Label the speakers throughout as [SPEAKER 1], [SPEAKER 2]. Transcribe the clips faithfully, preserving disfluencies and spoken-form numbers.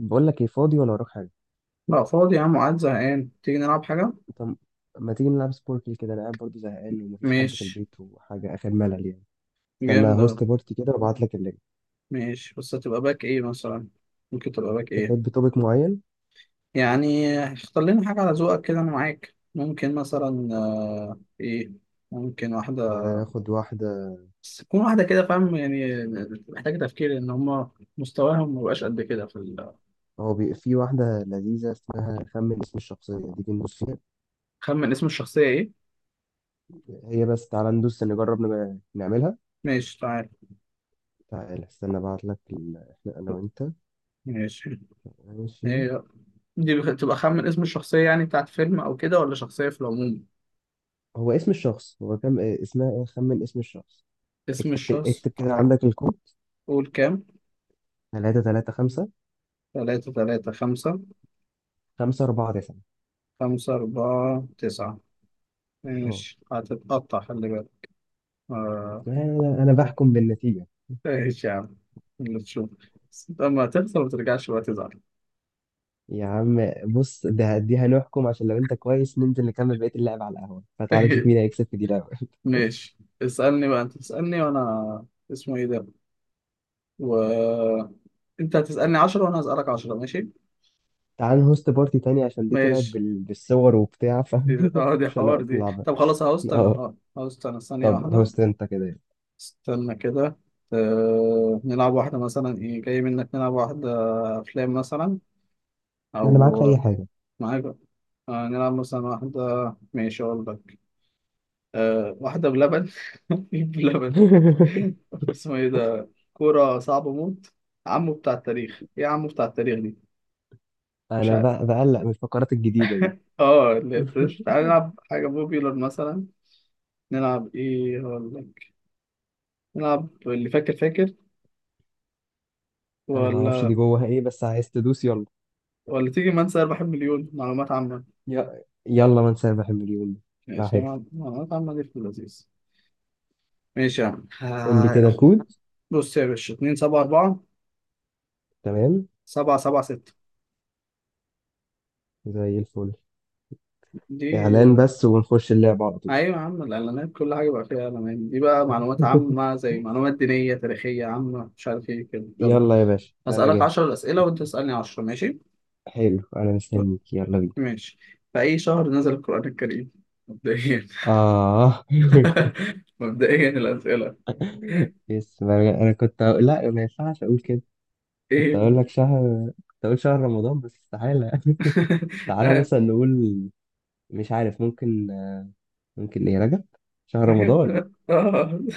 [SPEAKER 1] بقول لك ايه، فاضي ولا وراك حاجه؟
[SPEAKER 2] لا، فاضي يا عم، قاعد زهقان، تيجي نلعب حاجة؟
[SPEAKER 1] انت م- ما تيجي نلعب سبوركل كده؟ انا قاعد برضه زهقان، ومفيش حد في
[SPEAKER 2] ماشي.
[SPEAKER 1] البيت وحاجه اخر ملل يعني. استنى
[SPEAKER 2] جامد أوي.
[SPEAKER 1] هوست بارتي كده وابعت لك اللينك.
[SPEAKER 2] ماشي، بس هتبقى باك إيه مثلا؟ ممكن تبقى باك إيه؟
[SPEAKER 1] تحب توبيك معين؟
[SPEAKER 2] يعني اختار لنا حاجة على ذوقك كده، أنا معاك، ممكن مثلا آه، إيه؟ ممكن واحدة.
[SPEAKER 1] تعالى ناخد واحده.
[SPEAKER 2] بس تكون واحدة كده، فاهم يعني. محتاجة تفكير، إن هما مستواهم مبقاش قد كده في ال
[SPEAKER 1] هو بي... في واحده لذيذه، اسمها خمن اسم الشخصيه، دي ندوس فيها.
[SPEAKER 2] خمن اسم الشخصية إيه؟
[SPEAKER 1] هي بس تعالى ندوس نجرب نج- نعملها.
[SPEAKER 2] ماشي، تعال.
[SPEAKER 1] تعالى استنى ابعت لك ال... احنا انا وانت.
[SPEAKER 2] ماشي.
[SPEAKER 1] ماشي.
[SPEAKER 2] هي، دي بخ- تبقى خمن اسم الشخصية، يعني بتاعت فيلم أو كده، ولا شخصية في العموم؟
[SPEAKER 1] هو اسم الشخص، هو كم إيه، اسمها ايه؟ خمن اسم الشخص.
[SPEAKER 2] اسم
[SPEAKER 1] اكتب
[SPEAKER 2] الشخص.
[SPEAKER 1] اكتب كده عندك الكود.
[SPEAKER 2] قول كام؟
[SPEAKER 1] تلاتة تلاتة خمسة.
[SPEAKER 2] تلاتة تلاتة خمسة.
[SPEAKER 1] خمسة اربعة تسعة.
[SPEAKER 2] خمسة أربعة تسعة.
[SPEAKER 1] اه.
[SPEAKER 2] ماشي، هتتقطع خلي بالك. آه،
[SPEAKER 1] انا أنا بحكم بالنتيجه.
[SPEAKER 2] ماشي يا عم. اللي تشوف. بس أنت لما تخسر ما ترجعش بقى تزعل.
[SPEAKER 1] يا عم بص، ده دي هنحكم، عشان لو انت كويس ننزل نكمل بقيه اللعب على القهوه، فتعال نشوف مين هيكسب في دي الاول.
[SPEAKER 2] ماشي. اسألني بقى، أنت تسألني وأنا اسمه إيه ده، و أنت هتسألني عشرة وأنا هسألك عشرة ماشي.
[SPEAKER 1] تعال نهوست بارتي تاني عشان دي طلعت
[SPEAKER 2] ماشي.
[SPEAKER 1] بال... بالصور وبتاع ف
[SPEAKER 2] دي... اه دي
[SPEAKER 1] مش
[SPEAKER 2] حوار
[SPEAKER 1] هنقف
[SPEAKER 2] دي،
[SPEAKER 1] نلعبها.
[SPEAKER 2] طب خلاص، هوست أنا
[SPEAKER 1] اه.
[SPEAKER 2] اه هوست أنا ثانية
[SPEAKER 1] طب
[SPEAKER 2] واحدة.
[SPEAKER 1] هوست انت كده يلا.
[SPEAKER 2] استنى كده. آه، نلعب واحدة مثلا، إيه جاي منك، نلعب واحدة. أفلام مثلا.
[SPEAKER 1] انا معاك في اي
[SPEAKER 2] او
[SPEAKER 1] حاجه.
[SPEAKER 2] معاك. آه نلعب مثلا واحده. ماشي، اقول لك. آه واحده بلبن. بلبن. اسمه ايه ده، كوره صعبه موت. عمو بتاع التاريخ ايه، عمو بتاع التاريخ دي. مش
[SPEAKER 1] انا
[SPEAKER 2] عارف.
[SPEAKER 1] ب... بقلق من الفقرات الجديده دي.
[SPEAKER 2] اه اللي هي فريش، تعالى نلعب حاجه بوبيلر مثلا. نلعب ايه، اقول لك. نلعب اللي فاكر فاكر.
[SPEAKER 1] انا ما اعرفش
[SPEAKER 2] ولا
[SPEAKER 1] دي جواها ايه، بس عايز تدوس يلا.
[SPEAKER 2] ولا تيجي من سير، بحب مليون معلومات عامه.
[SPEAKER 1] ي... يلا ما نسابح المليون. ده
[SPEAKER 2] ماشي
[SPEAKER 1] حلو.
[SPEAKER 2] مع- معلومات عامه دي في اللذيذ. ماشي يا عم.
[SPEAKER 1] قول لي كده
[SPEAKER 2] آه،
[SPEAKER 1] الكود.
[SPEAKER 2] بص يا باشا، اتنين سبعة أربعة
[SPEAKER 1] تمام.
[SPEAKER 2] سبعة سبعة.
[SPEAKER 1] زي الفل.
[SPEAKER 2] دي
[SPEAKER 1] إعلان بس ونخش اللعبة على طول.
[SPEAKER 2] ايوه يا عم، الاعلانات كل حاجه بقى فيها اعلانات. دي بقى معلومات عامه، زي معلومات دينيه تاريخيه عامه، مش عارف ايه كده، يلا.
[SPEAKER 1] يلا يا باشا أنا
[SPEAKER 2] هسالك
[SPEAKER 1] جاي.
[SPEAKER 2] عشرة اسئله وانت تسالني عشرة، ماشي.
[SPEAKER 1] حلو، أنا مستنيك، يلا بينا.
[SPEAKER 2] ماشي. في اي شهر نزل القران الكريم؟ مبدئيا.
[SPEAKER 1] آه.
[SPEAKER 2] مبدئيا الاسئله.
[SPEAKER 1] بس ما- أنا كنت أقول لا، ما ينفعش أقول كده. كنت
[SPEAKER 2] ايه.
[SPEAKER 1] أقول لك شهر، كنت أقول شهر رمضان، بس استحالة. تعالى
[SPEAKER 2] آه.
[SPEAKER 1] مثلا نقول مش عارف، ممكن. ممكن إيه، رجب؟ شهر رمضان.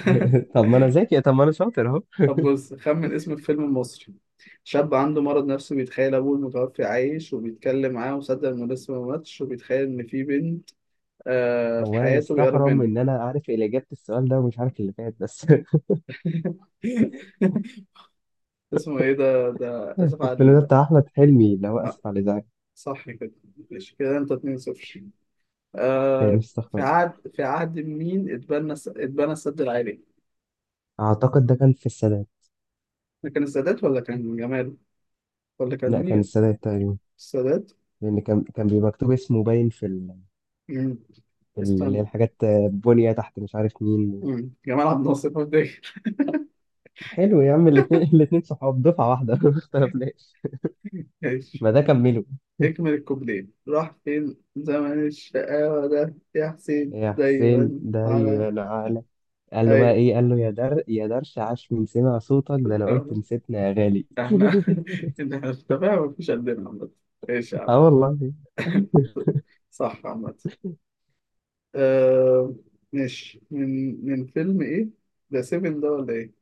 [SPEAKER 1] طب ما أنا ذكي، طب ما أنا شاطر أهو.
[SPEAKER 2] طب بص، خمن اسم الفيلم المصري. شاب عنده مرض نفسي، بيتخيل ابوه المتوفي عايش وبيتكلم معاه، وصدق انه لسه ما ماتش، وبيتخيل ان في بنت آه، في
[SPEAKER 1] هو أنا
[SPEAKER 2] حياته بيقرب
[SPEAKER 1] مستحرم
[SPEAKER 2] منه.
[SPEAKER 1] إن أنا عارف اللي إجابة السؤال ده ومش عارف اللي فات بس.
[SPEAKER 2] اسمه ايه ده ده اسف على
[SPEAKER 1] الفيلم ده
[SPEAKER 2] ال...
[SPEAKER 1] بتاع أحمد حلمي، اللي هو
[SPEAKER 2] آه.
[SPEAKER 1] آسف على الإزعاج.
[SPEAKER 2] صح كده. ماشي كده انت اتنين صفر.
[SPEAKER 1] كان
[SPEAKER 2] آه.
[SPEAKER 1] استغفر
[SPEAKER 2] في
[SPEAKER 1] الله.
[SPEAKER 2] عهد في عهد مين اتبنى الس- اتبنى السد العالي؟
[SPEAKER 1] اعتقد ده كان في السادات.
[SPEAKER 2] ده كان السادات ولا كان جمال، ولا كان
[SPEAKER 1] لا كان
[SPEAKER 2] مين؟
[SPEAKER 1] السادات تقريبا.
[SPEAKER 2] السادات.
[SPEAKER 1] لان كان كان بيبقى مكتوب اسمه باين في ال-
[SPEAKER 2] مم.
[SPEAKER 1] في ال- اللي هي
[SPEAKER 2] استنى.
[SPEAKER 1] الحاجات، آه، بنية تحت مش عارف مين.
[SPEAKER 2] مم. جمال عبد الناصر فاكر.
[SPEAKER 1] حلو يا عم، الاتنين الاتنين صحاب دفعة واحدة. ما اختلفناش.
[SPEAKER 2] ماشي.
[SPEAKER 1] ما ده كمله.
[SPEAKER 2] اكمل الكوبليه، راح فين زمن الشقاوة ده يا حسين
[SPEAKER 1] يا حسين
[SPEAKER 2] دايما
[SPEAKER 1] ده
[SPEAKER 2] على.
[SPEAKER 1] ينعلك. قال له بقى
[SPEAKER 2] هاي.
[SPEAKER 1] ايه؟ قال له يا در يا درش، عاش من سمع صوتك، ده انا قلت نسيتنا يا غالي.
[SPEAKER 2] احنا احنا في تفاهم مفيش قدنا عامة. ماشي يا عم.
[SPEAKER 1] اه والله.
[SPEAKER 2] صح عامة. آه... ماشي، من من فيلم ايه؟ ده سيفن ده ولا ايه؟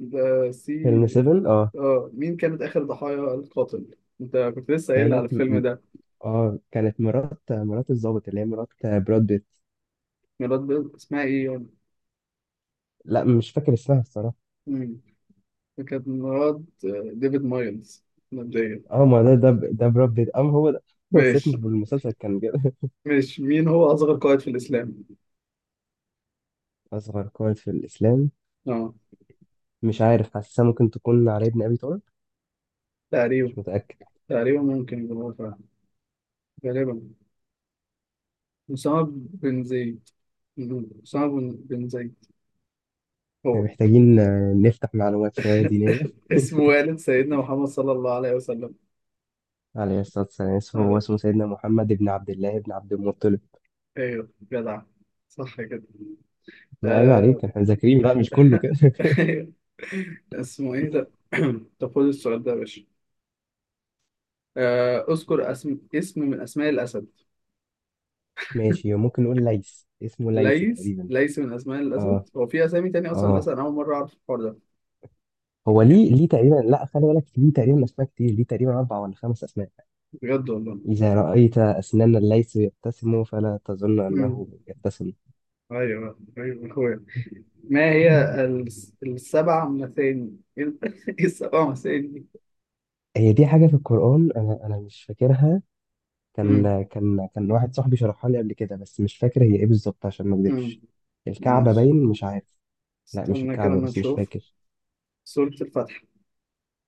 [SPEAKER 2] ده
[SPEAKER 1] فيلم
[SPEAKER 2] سي.
[SPEAKER 1] سيفن. اه.
[SPEAKER 2] اه، مين كانت آخر ضحايا القاتل؟ انت كنت لسه قايل على
[SPEAKER 1] كانت م-
[SPEAKER 2] الفيلم
[SPEAKER 1] م-
[SPEAKER 2] ده.
[SPEAKER 1] اه كانت مرات مرات الضابط، اللي هي مرات براد بيت.
[SPEAKER 2] مراد بيض، اسمها ايه يعني؟
[SPEAKER 1] لا مش فاكر اسمها الصراحة.
[SPEAKER 2] مم. كانت مراد آه، ديفيد مايلز. مبدئيا.
[SPEAKER 1] اه ما ده ده ب- ده براد بيت، ام هو ده نفس اسمه
[SPEAKER 2] ماشي.
[SPEAKER 1] في المسلسل كان كده.
[SPEAKER 2] ماشي، مين هو أصغر قائد في الإسلام؟
[SPEAKER 1] اصغر قائد في الاسلام.
[SPEAKER 2] اه.
[SPEAKER 1] مش عارف، حاسسها ممكن تكون علي بن ابي طالب.
[SPEAKER 2] تقريبا.
[SPEAKER 1] مش متاكد.
[SPEAKER 2] تقريبا ممكن يكون هو فعلا. غالبا. أسامة بن زيد. أسامة بن بن زيد.
[SPEAKER 1] يعني
[SPEAKER 2] هو.
[SPEAKER 1] محتاجين آه، نفتح معلومات شويه دينيه.
[SPEAKER 2] اسمه والد سيدنا محمد صلى الله عليه وسلم.
[SPEAKER 1] عليه الصلاه والسلام، هو
[SPEAKER 2] آه.
[SPEAKER 1] اسمه سيدنا محمد بن عبد الله بن عبد المطلب.
[SPEAKER 2] أيوه جدع. صح كده.
[SPEAKER 1] ما عيب
[SPEAKER 2] آه.
[SPEAKER 1] عليك، احنا مذاكرين بقى مش كله كده.
[SPEAKER 2] أيوه. اسمه إيه ده؟ طب خد السؤال ده يا باشا. آه، اذكر اسم اسم من اسماء الاسد.
[SPEAKER 1] ماشي، ممكن نقول ليث، اسمه ليث
[SPEAKER 2] ليس
[SPEAKER 1] تقريبا.
[SPEAKER 2] ليس من اسماء
[SPEAKER 1] اه،
[SPEAKER 2] الاسد، هو في اسامي تاني اصلا الاسد،
[SPEAKER 1] اه.
[SPEAKER 2] انا اول مره اعرف الحوار ده.
[SPEAKER 1] هو
[SPEAKER 2] يعني
[SPEAKER 1] ليه، ليه تقريبا. لا خلي بالك، ليه تقريبا اسماء كتير، ليه تقريبا اربع ولا خمس اسماء.
[SPEAKER 2] بجد والله.
[SPEAKER 1] إذا رأيت أسنانا الليث يبتسم فلا تظن
[SPEAKER 2] امم.
[SPEAKER 1] أنه يبتسم.
[SPEAKER 2] ايوه ايوه اخويا. ما هي الس- السبع مثاني. ايه، السبع مثاني
[SPEAKER 1] هي دي حاجة في القرآن، أنا أنا مش فاكرها.
[SPEAKER 2] دي.
[SPEAKER 1] كان كان كان واحد صاحبي شرحها لي قبل كده، بس مش فاكر هي إيه بالظبط عشان ما
[SPEAKER 2] مم.
[SPEAKER 1] أكدبش. الكعبة
[SPEAKER 2] ماشي.
[SPEAKER 1] باين، مش عارف. لا مش
[SPEAKER 2] استنى كده
[SPEAKER 1] الكعبة،
[SPEAKER 2] ما
[SPEAKER 1] بس مش
[SPEAKER 2] نشوف.
[SPEAKER 1] فاكر.
[SPEAKER 2] سورة الفتح.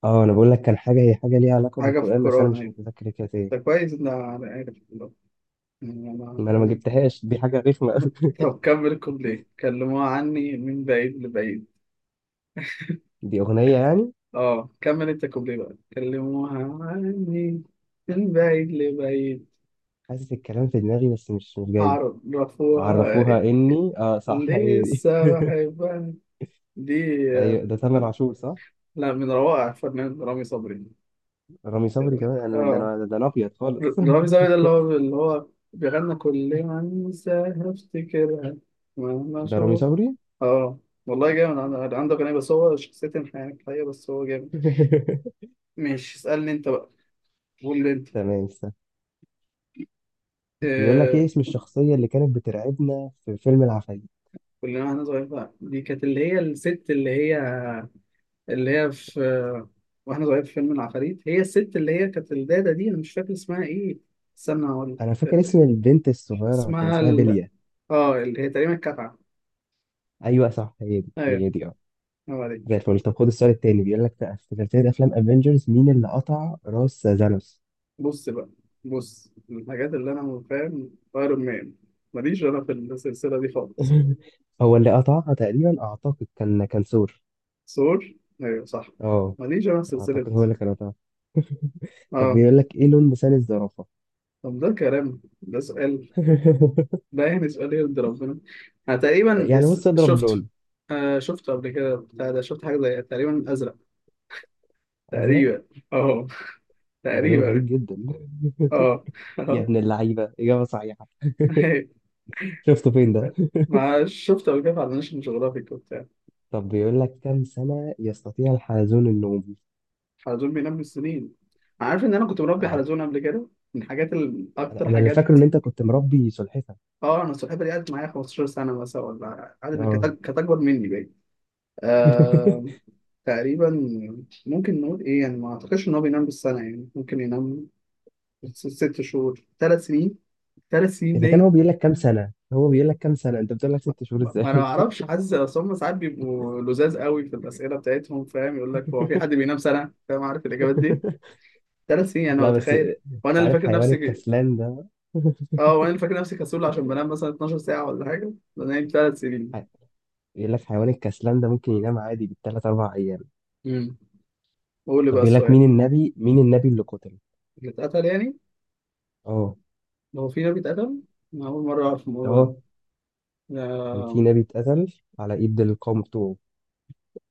[SPEAKER 1] اه أنا بقول لك كان حاجة، هي حاجة ليها علاقة
[SPEAKER 2] حاجة في
[SPEAKER 1] بالقرآن، بس أنا
[SPEAKER 2] القرآن
[SPEAKER 1] مش
[SPEAKER 2] أيوة.
[SPEAKER 1] متذكر كانت إيه.
[SPEAKER 2] ده كويس إن أنا عارف، والله. يعني أنا
[SPEAKER 1] ما أنا ما جبتهاش، دي حاجة رخمة أوي.
[SPEAKER 2] طب كمل الكوبليه، كلموها عني من بعيد لبعيد.
[SPEAKER 1] دي أغنية يعني.
[SPEAKER 2] أه كمل أنت الكوبليه بقى، كلموها عني من بعيد لبعيد.
[SPEAKER 1] حاسس الكلام في دماغي، بس مش مش جاي.
[SPEAKER 2] عرفوها.
[SPEAKER 1] عرفوها، إني اه صح هي دي.
[SPEAKER 2] لسه بحبها، دي.
[SPEAKER 1] أيوه ده تامر عاشور صح؟
[SPEAKER 2] لا، من روائع الفنان رامي صبري.
[SPEAKER 1] رامي صبري كمان، انا ده
[SPEAKER 2] أه.
[SPEAKER 1] انا ده انا ابيض خالص.
[SPEAKER 2] رامي زاوية ده، اللي هو اللي هو بيغنى كل ما انساها افتكرها، مهما
[SPEAKER 1] ده رامي
[SPEAKER 2] اشوف.
[SPEAKER 1] صبري.
[SPEAKER 2] اه والله. جامد، عنده عنده أغنية بس، هو شخصيته انحناء حقيقة، بس هو جامد. ماشي اسألني انت بقى. قول لي انت.
[SPEAKER 1] تمام، استنى. بيقول لك
[SPEAKER 2] آه،
[SPEAKER 1] ايه اسم الشخصية اللي كانت بترعبنا في فيلم العفاريت؟
[SPEAKER 2] كلنا واحنا صغيرين بقى، دي كانت اللي هي الست اللي هي، اللي هي في آه، واحنا صغيرين في فيلم العفاريت، هي الست اللي هي كانت الدادة دي، انا مش فاكر اسمها ايه. استنى هقول
[SPEAKER 1] انا فاكر
[SPEAKER 2] لك.
[SPEAKER 1] اسم البنت الصغيرة كان
[SPEAKER 2] اسمها
[SPEAKER 1] اسمها
[SPEAKER 2] ال...
[SPEAKER 1] بيليا.
[SPEAKER 2] اه اللي هي تقريبا الكافعة.
[SPEAKER 1] ايوه صح، هي دي
[SPEAKER 2] ايوه.
[SPEAKER 1] هي دي اه.
[SPEAKER 2] هو
[SPEAKER 1] زي
[SPEAKER 2] دي.
[SPEAKER 1] الفل. طب خد السؤال التاني. بيقول لك بقى في سلسلة افلام افنجرز مين اللي قطع راس زانوس.
[SPEAKER 2] بص بقى. بص، من الحاجات اللي انا فاهم ايرون مان، ماليش انا في السلسله دي خالص.
[SPEAKER 1] هو اللي قطعها تقريبا، اعتقد كان كان ثور.
[SPEAKER 2] ثور. ايوه صح.
[SPEAKER 1] اه،
[SPEAKER 2] ماليش انا في السلسله
[SPEAKER 1] اعتقد
[SPEAKER 2] دي.
[SPEAKER 1] هو اللي كان قطعها. طب
[SPEAKER 2] اه.
[SPEAKER 1] بيقول لك ايه لون لسان الزرافة.
[SPEAKER 2] طب ده كلام، ده سؤال؟ ده يعني سؤال يرضي ربنا؟ انا تقريبا
[SPEAKER 1] يعني
[SPEAKER 2] اس-
[SPEAKER 1] بص اضرب
[SPEAKER 2] شفته.
[SPEAKER 1] لون.
[SPEAKER 2] آه شفته قبل كده، بتاع ده، شفت حاجه زي تقريبا ازرق.
[SPEAKER 1] ازرق.
[SPEAKER 2] تقريبا. اه.
[SPEAKER 1] ده لون غريب
[SPEAKER 2] تقريبا.
[SPEAKER 1] جدا.
[SPEAKER 2] اه.
[SPEAKER 1] يا
[SPEAKER 2] اه.
[SPEAKER 1] ابن اللعيبة، إجابة صحيحة. شفته فين ده؟
[SPEAKER 2] مع شفته قبل كده على ناشونال جيوغرافيك.
[SPEAKER 1] طب بيقول لك كم سنة يستطيع الحلزون النوم.
[SPEAKER 2] حلزون بينام بالسنين؟ عارف ان انا كنت مربي
[SPEAKER 1] أنا
[SPEAKER 2] حلزون قبل كده، من الحاجات ال- اكتر
[SPEAKER 1] أنا اللي فاكره
[SPEAKER 2] حاجات.
[SPEAKER 1] إن أنت كنت مربي سلحفة.
[SPEAKER 2] اه، انا السلحفاه دي قعدت معايا خمسة عشر سنة سنه مثلا، ولا قعدت كانت
[SPEAKER 1] اه.
[SPEAKER 2] كانت اكبر مني بقى. آه... تقريبا. ممكن نقول ايه، يعني ما اعتقدش ان هو بينام بالسنه، يعني ممكن ينام س- ست شهور، ثلاث سنين. ثلاث سنين
[SPEAKER 1] إذا كان هو
[SPEAKER 2] نايم.
[SPEAKER 1] بيقول لك كم سنة، هو بيقول لك كم سنة أنت بتقول لك ست شهور
[SPEAKER 2] ما
[SPEAKER 1] إزاي؟
[SPEAKER 2] ما انا ما اعرفش، حاسس اصل هم ساعات بيبقوا لزاز قوي في الاسئله بتاعتهم، فاهم، يقول لك هو في حد بينام سنه، فاهم، عارف الاجابات دي. ثلاث سنين يعني، هو
[SPEAKER 1] لا بس
[SPEAKER 2] تخيل
[SPEAKER 1] أنت
[SPEAKER 2] وانا اللي
[SPEAKER 1] عارف
[SPEAKER 2] فاكر
[SPEAKER 1] حيوان
[SPEAKER 2] نفسي،
[SPEAKER 1] الكسلان ده.
[SPEAKER 2] اه وانا فاكر نفسي كسول عشان بنام مثلا 12 ساعة ولا حاجة، بنام ثلاث سنين.
[SPEAKER 1] بيقول لك حيوان الكسلان ده ممكن ينام عادي بالثلاث أربع أيام.
[SPEAKER 2] امم. قول لي
[SPEAKER 1] طب
[SPEAKER 2] بقى
[SPEAKER 1] بيقول لك
[SPEAKER 2] السؤال.
[SPEAKER 1] مين النبي مين النبي اللي قتل.
[SPEAKER 2] اللي اتقتل يعني.
[SPEAKER 1] اه،
[SPEAKER 2] هو في نبي اتقتل؟ أنا أول مرة أعرف الموضوع ده.
[SPEAKER 1] اه. كان في
[SPEAKER 2] لا.
[SPEAKER 1] نبي اتقتل على إيد القوم بتوعه.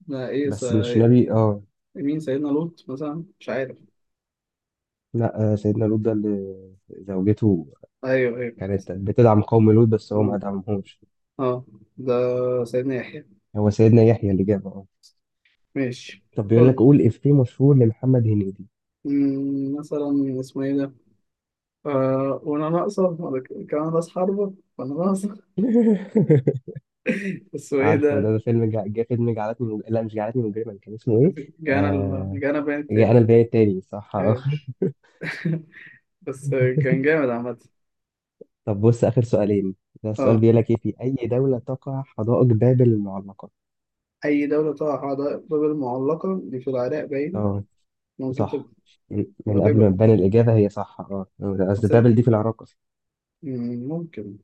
[SPEAKER 2] لا إيه س...
[SPEAKER 1] بس مش نبي اه.
[SPEAKER 2] مين، سيدنا لوط مثلا، مش عارف.
[SPEAKER 1] لا، آه، سيدنا لوط ده اللي زوجته
[SPEAKER 2] أيوه أيوه.
[SPEAKER 1] كانت بتدعم قوم لوط، بس هو ما
[SPEAKER 2] أه
[SPEAKER 1] دعمهمش.
[SPEAKER 2] أه. ده سيدنا يحيى.
[SPEAKER 1] هو سيدنا يحيى اللي جابه اه.
[SPEAKER 2] ماشي.
[SPEAKER 1] طب بيقول لك
[SPEAKER 2] قول.
[SPEAKER 1] قول إفيه مشهور لمحمد هنيدي.
[SPEAKER 2] مم، مثلا اسمه إيه ده، آه وأنا ناقصة ولا ك- كمان راس حربة وأنا ناقصة. بس هو إيه
[SPEAKER 1] عارفه
[SPEAKER 2] ده؟
[SPEAKER 1] ده, ده فيلم جا, جا فيلم جعلتني مج... لا مش جعلتني مجرما، كان اسمه ايه؟
[SPEAKER 2] جانا ال...
[SPEAKER 1] آه...
[SPEAKER 2] جانا بين
[SPEAKER 1] جا انا
[SPEAKER 2] التالي.
[SPEAKER 1] البيان التالي صح اه.
[SPEAKER 2] أيوه. بس كان جامد عامة.
[SPEAKER 1] طب بص آخر سؤالين. ده السؤال
[SPEAKER 2] اه
[SPEAKER 1] بيقول لك ايه في أي دولة تقع حدائق بابل المعلقة؟
[SPEAKER 2] أي دولة تقع حدائق المعلقة دي، في العراق باين.
[SPEAKER 1] اه
[SPEAKER 2] ممكن تبقى.
[SPEAKER 1] صح. من من قبل ما
[SPEAKER 2] غالبا.
[SPEAKER 1] تبان الإجابة هي صح اه. قصدي
[SPEAKER 2] بس-
[SPEAKER 1] بابل دي في العراق.
[SPEAKER 2] مم، ممكن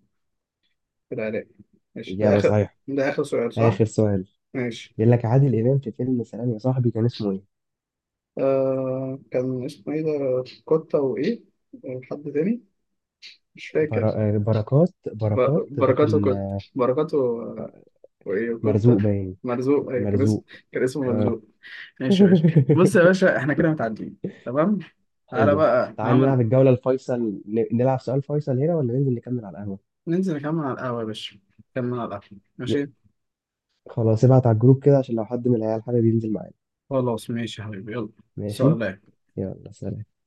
[SPEAKER 2] في العراق. ماشي، ده
[SPEAKER 1] إجابة
[SPEAKER 2] آخر.
[SPEAKER 1] صحيحة.
[SPEAKER 2] ده آخر سؤال، صح؟
[SPEAKER 1] آخر سؤال.
[SPEAKER 2] ماشي.
[SPEAKER 1] بيقول لك عادل إمام في فيلم سلام يا صاحبي كان اسمه إيه؟
[SPEAKER 2] آه كان اسمه إيه ده، كوتا وإيه؟ آه، حد تاني؟ مش فاكر.
[SPEAKER 1] برا... آه، بركات بركات،
[SPEAKER 2] ب-
[SPEAKER 1] ده
[SPEAKER 2] بركاته،
[SPEAKER 1] كان
[SPEAKER 2] كوتا
[SPEAKER 1] آه،
[SPEAKER 2] بركاته. آه. وإيه كوتا؟
[SPEAKER 1] مرزوق باين.
[SPEAKER 2] مرزوق، أيوة كان اسمه،
[SPEAKER 1] مرزوق.
[SPEAKER 2] كان اسمه
[SPEAKER 1] آه.
[SPEAKER 2] مرزوق. ماشي يا باشا، بص يا باشا إحنا كده متعدين، تمام؟ تعالى
[SPEAKER 1] حلو.
[SPEAKER 2] بقى
[SPEAKER 1] تعال
[SPEAKER 2] هعمل.
[SPEAKER 1] نلعب الجولة الفيصل. ن- نلعب سؤال فيصل هنا ولا ننزل نكمل على القهوة؟
[SPEAKER 2] ننزل نكمل على القهوة يا باشا. نكمل على القهوة،
[SPEAKER 1] ي-
[SPEAKER 2] ماشي.
[SPEAKER 1] خلاص ابعت على الجروب كده عشان لو حد من العيال حابب ينزل معانا.
[SPEAKER 2] خلاص ماشي يا حبيبي، يلا.
[SPEAKER 1] ماشي؟
[SPEAKER 2] سلام.
[SPEAKER 1] يلا سلام.